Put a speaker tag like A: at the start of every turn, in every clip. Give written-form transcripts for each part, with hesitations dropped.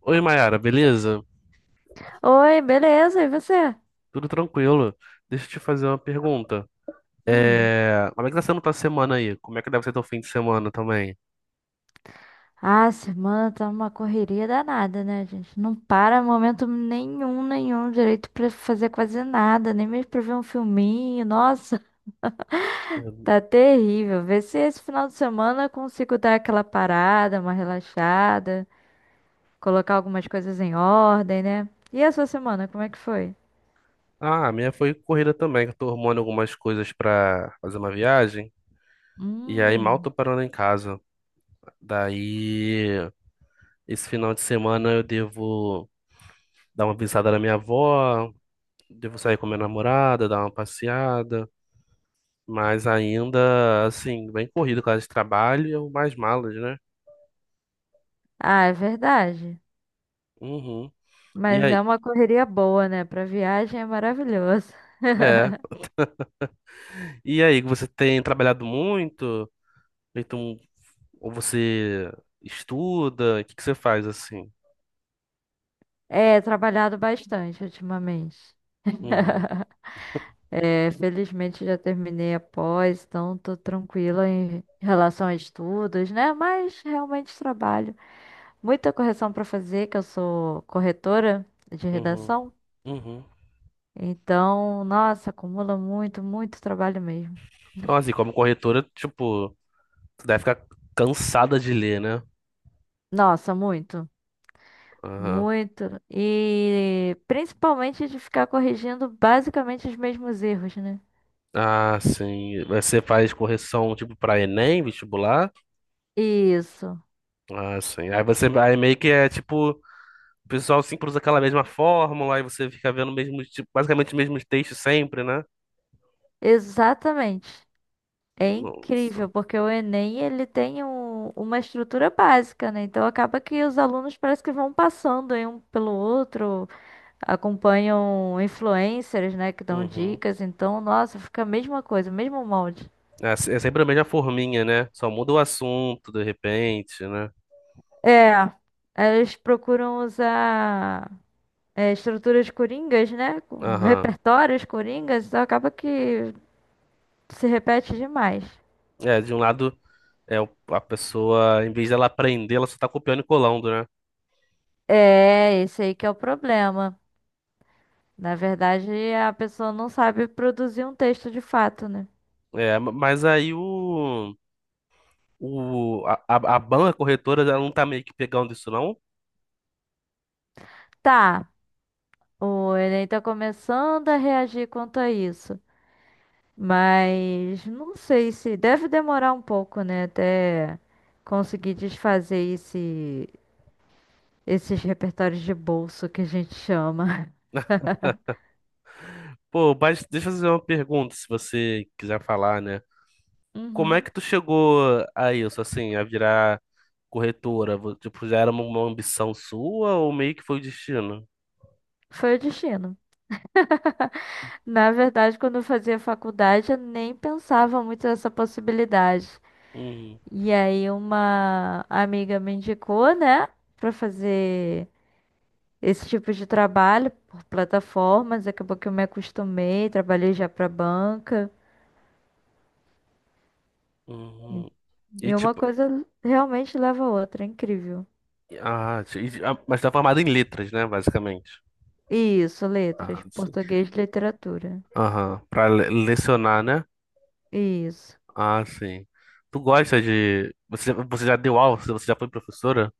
A: Oi, Mayara, beleza?
B: Oi, beleza? E você?
A: Tudo tranquilo? Deixa eu te fazer uma pergunta.
B: Hum.
A: Como é que tá sendo tua semana aí? Como é que deve ser teu fim de semana também?
B: Ah, semana tá uma correria danada, né, gente? Não para momento nenhum, nenhum direito pra fazer quase nada, nem mesmo pra ver um filminho. Nossa,
A: Uhum.
B: tá terrível. Vê se esse final de semana eu consigo dar aquela parada, uma relaxada, colocar algumas coisas em ordem, né? E a sua semana, como é que foi?
A: Ah, a minha foi corrida também, que eu tô arrumando algumas coisas pra fazer uma viagem. E aí mal tô
B: Hum.
A: parando em casa. Daí, esse final de semana eu devo dar uma visada na minha avó, devo sair com minha namorada, dar uma passeada. Mas ainda, assim, bem corrido com causa de trabalho e mais malas, né?
B: Ah, é verdade.
A: Uhum. E
B: Mas é
A: aí?
B: uma correria boa, né? Pra viagem é maravilhoso.
A: É. E aí, você tem trabalhado muito? Então, ou você estuda? O que que você faz assim?
B: É, trabalhado bastante ultimamente.
A: Uhum,
B: É, felizmente já terminei a pós, então tô tranquila em relação a estudos, né? Mas realmente trabalho. Muita correção para fazer, que eu sou corretora de
A: uhum,
B: redação.
A: uhum.
B: Então, nossa, acumula muito, muito trabalho mesmo.
A: Então, assim, como corretora, tipo, tu deve ficar cansada de ler, né?
B: Nossa, muito,
A: Aham.
B: muito. E principalmente de ficar corrigindo basicamente os mesmos erros, né?
A: Ah, sim. Você faz correção, tipo, pra Enem, vestibular?
B: Isso,
A: Ah, sim. Aí você, aí meio que é, tipo, o pessoal sempre usa aquela mesma fórmula, aí você fica vendo o mesmo, tipo, basicamente os mesmos textos sempre, né?
B: exatamente. É
A: Nossa.
B: incrível, porque o Enem uma estrutura básica, né? Então acaba que os alunos parece que vão passando em um pelo outro, acompanham influencers, né, que dão
A: Uhum.
B: dicas. Então, nossa, fica a mesma coisa, o mesmo molde.
A: É é sempre a mesma forminha, né? Só muda o assunto de repente, né?
B: É, eles procuram usar estruturas coringas, né, com
A: Aham.
B: repertórios coringas, então acaba que se repete demais.
A: É, de um lado, é a pessoa, em vez dela aprender, ela só tá copiando e colando, né?
B: É, esse aí que é o problema. Na verdade, a pessoa não sabe produzir um texto de fato, né?
A: É, mas aí o, a banca corretora, ela não tá meio que pegando isso, não?
B: Tá, o Enem tá começando a reagir quanto a isso, mas não sei se deve demorar um pouco, né, até conseguir desfazer esses repertórios de bolso que a gente chama.
A: Pô, mas deixa eu fazer uma pergunta, se você quiser falar, né? Como é
B: Uhum.
A: que tu chegou a isso, assim, a virar corretora? Tipo, já era uma ambição sua ou meio que foi o destino?
B: Foi o destino. Na verdade, quando eu fazia faculdade, eu nem pensava muito nessa possibilidade.
A: Hum,
B: E aí uma amiga me indicou, né, pra fazer esse tipo de trabalho por plataformas, acabou que eu me acostumei, trabalhei já para banca.
A: hum.
B: E
A: E
B: e uma
A: tipo,
B: coisa realmente leva a outra, é incrível.
A: Ah, mas tá formado em letras, né, basicamente.
B: Isso, letras,
A: Ah, sim.
B: português e literatura.
A: Aham, pra lecionar, né?
B: Isso.
A: Ah, sim. Tu gosta de... Você, você já deu aula? Você já foi professora?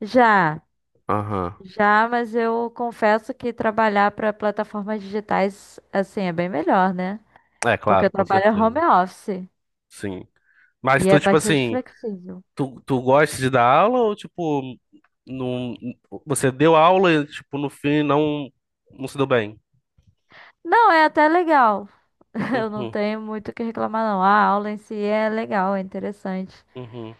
B: Já,
A: Aham.
B: já, mas eu confesso que trabalhar para plataformas digitais assim é bem melhor, né?
A: É,
B: Porque eu
A: claro, com
B: trabalho home
A: certeza.
B: office
A: Sim.
B: e
A: Mas
B: é
A: tu, tipo
B: bastante
A: assim,
B: flexível.
A: tu gosta de dar aula ou, tipo, não, você deu aula e, tipo, no fim não, não se deu bem?
B: Não, é até legal. Eu não
A: Uhum,
B: tenho muito o que reclamar, não. A aula em si é legal, é interessante.
A: uhum,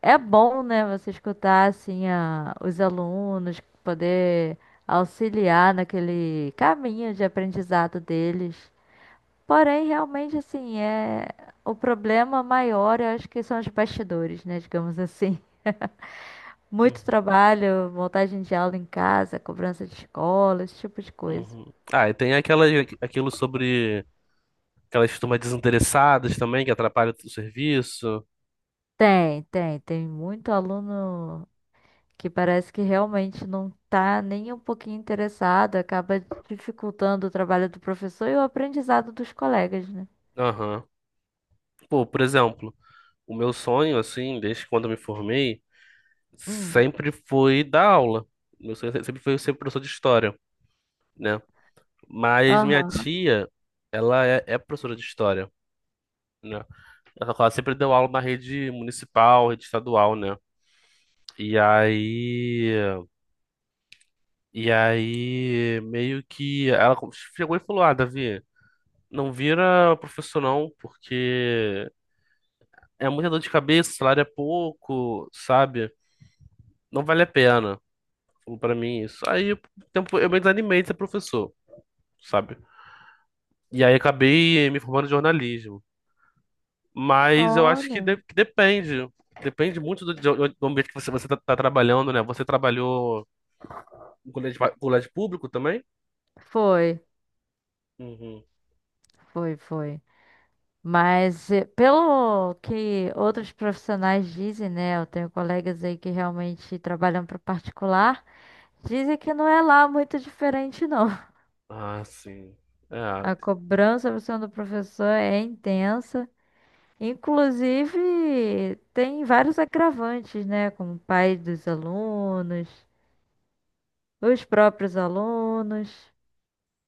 B: É bom, né, você escutar assim os alunos, poder auxiliar naquele caminho de aprendizado deles. Porém, realmente assim, o problema maior, eu acho que são os bastidores, né, digamos assim.
A: uhum,
B: Muito trabalho, montagem de aula em casa, cobrança de escola, esse tipo de coisa.
A: uhum. Ah, e tem aquela, aquilo sobre... Aquelas turmas desinteressadas também, que atrapalham o serviço.
B: Tem, tem, tem muito aluno que parece que realmente não tá nem um pouquinho interessado, acaba dificultando o trabalho do professor e o aprendizado dos colegas, né?
A: Aham. Pô, por exemplo, o meu sonho, assim, desde quando eu me formei,
B: Hum.
A: sempre foi dar aula. Meu sonho sempre foi ser professor de história, né? Mas minha
B: Aham.
A: tia, ela é, é professora de história, né? Ela sempre deu aula na rede municipal, rede estadual, né? E aí, e aí, meio que ela chegou e falou: Ah, Davi, não vira professor não, porque é muita dor de cabeça, o salário é pouco, sabe? Não vale a pena. Falou pra mim isso. Aí tempo, eu me desanimei de ser professor, sabe? E aí acabei me formando em jornalismo. Mas eu acho que,
B: Olha.
A: que depende. Depende muito do, do ambiente que você, você tá, tá trabalhando, né? Você trabalhou em colégio, colégio público também?
B: Foi,
A: Uhum.
B: foi, foi. Mas pelo que outros profissionais dizem, né? Eu tenho colegas aí que realmente trabalham para o particular, dizem que não é lá muito diferente, não.
A: Ah, sim. É,
B: A cobrança por cima do professor é intensa. Inclusive, tem vários agravantes, né? Como pais dos alunos, os próprios alunos,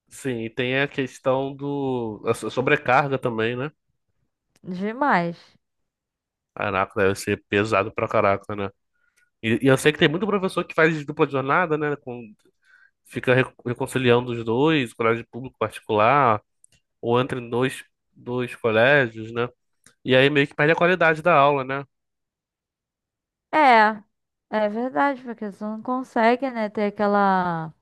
A: sim, e tem a questão do... A sobrecarga também, né?
B: demais.
A: Caraca, deve ser pesado pra caraca, né? E eu sei que tem muito professor que faz dupla jornada, né? Com, fica reconciliando os dois, colégio público particular, ou entra em dois, dois colégios, né? E aí meio que perde a qualidade da aula, né?
B: É, é verdade, porque você não consegue, né, ter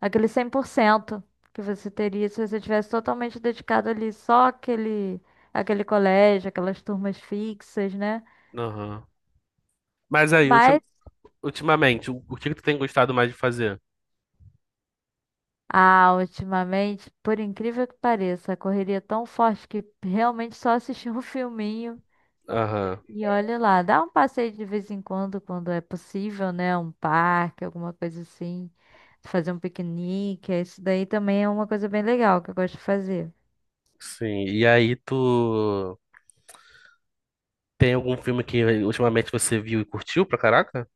B: aquele 100% que você teria se você tivesse totalmente dedicado ali só aquele colégio, aquelas turmas fixas, né?
A: Aham. Mas aí,
B: Mas,
A: ultimamente, o que que tu tem gostado mais de fazer?
B: ah, ultimamente, por incrível que pareça, a correria é tão forte que realmente só assistir um filminho.
A: Aham.
B: E olha lá, dá um passeio de vez em quando, quando é possível, né? Um parque, alguma coisa assim. Fazer um piquenique. É isso daí também, é uma coisa bem legal que eu gosto de fazer.
A: Sim. E aí tu tem algum filme que ultimamente você viu e curtiu pra caraca?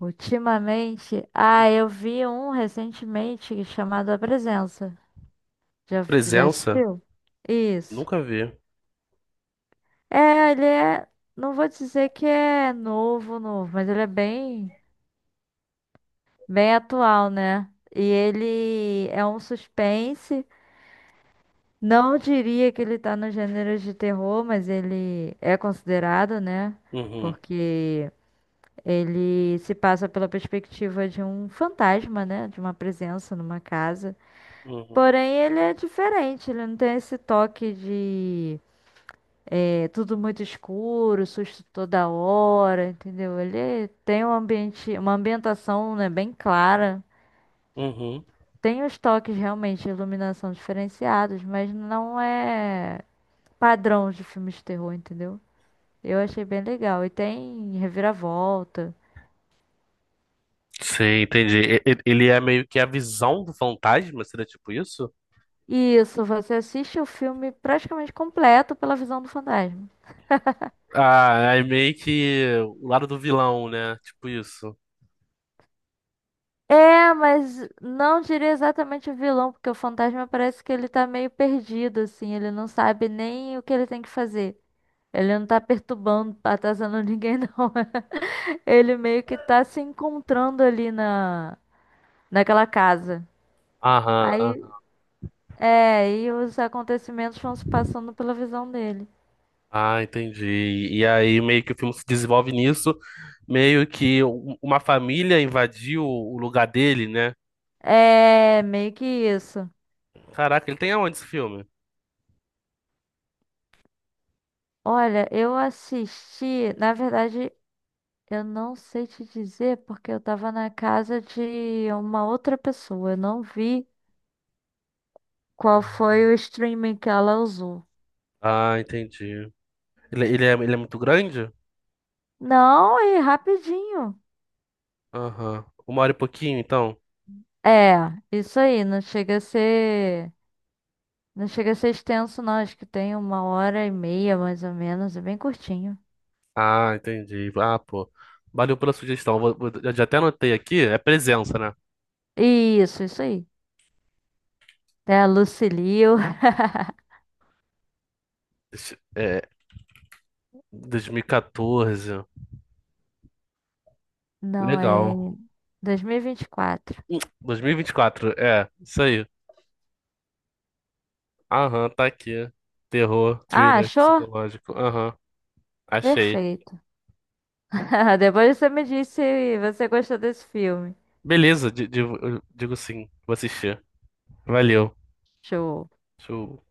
B: Ultimamente, ah, eu vi um recentemente chamado A Presença. Já, já
A: Presença?
B: assistiu? Isso.
A: Nunca vi.
B: É, ele é. Não vou dizer que é novo, novo, mas ele é bem, bem atual, né? E ele é um suspense. Não diria que ele tá no gênero de terror, mas ele é considerado, né?
A: Uhum.
B: Porque ele se passa pela perspectiva de um fantasma, né? De uma presença numa casa.
A: Uhum.
B: Porém, ele é diferente, ele não tem esse toque de tudo muito escuro, susto toda hora, entendeu? Ele tem um ambiente, uma ambientação, né, bem clara.
A: Uhum.
B: Tem os toques realmente de iluminação diferenciados, mas não é padrão de filmes de terror, entendeu? Eu achei bem legal. E tem reviravolta.
A: Sim, entendi. Ele é meio que a visão do fantasma, seria tipo isso?
B: Isso, você assiste o filme praticamente completo pela visão do fantasma.
A: Ah, é meio que o lado do vilão, né? Tipo isso.
B: É, mas não diria exatamente o vilão, porque o fantasma parece que ele tá meio perdido, assim, ele não sabe nem o que ele tem que fazer. Ele não tá perturbando, atazanando ninguém, não. Ele meio que tá se encontrando ali naquela casa.
A: Aham,
B: Aí
A: aham.
B: é, e os acontecimentos vão se passando pela visão dele.
A: Ah, entendi. E aí meio que o filme se desenvolve nisso, meio que uma família invadiu o lugar dele, né?
B: É, meio que isso.
A: Caraca, ele tem aonde esse filme?
B: Olha, eu assisti, na verdade, eu não sei te dizer porque eu tava na casa de uma outra pessoa. Eu não vi qual foi o streaming que ela usou.
A: Ah, entendi. Ele é muito grande?
B: Não, e rapidinho.
A: Aham. Uma hora e pouquinho, então?
B: É, isso aí, não chega a ser, não chega a ser extenso, não. Acho que tem 1 hora e meia, mais ou menos, é bem curtinho.
A: Ah, entendi. Ah, pô. Valeu pela sugestão. Já já até anotei aqui. É presença, né?
B: Isso aí. É a Lucilio,
A: Deixa- É, 2014.
B: não, é
A: Legal.
B: 2024.
A: 2024, é, isso aí. Aham, tá aqui. Terror,
B: Ah,
A: thriller,
B: achou?
A: psicológico. Aham, achei.
B: Perfeito. Depois você me disse se você gostou desse filme.
A: Beleza, digo, digo sim, vou assistir. Valeu.
B: Show.
A: Deixa eu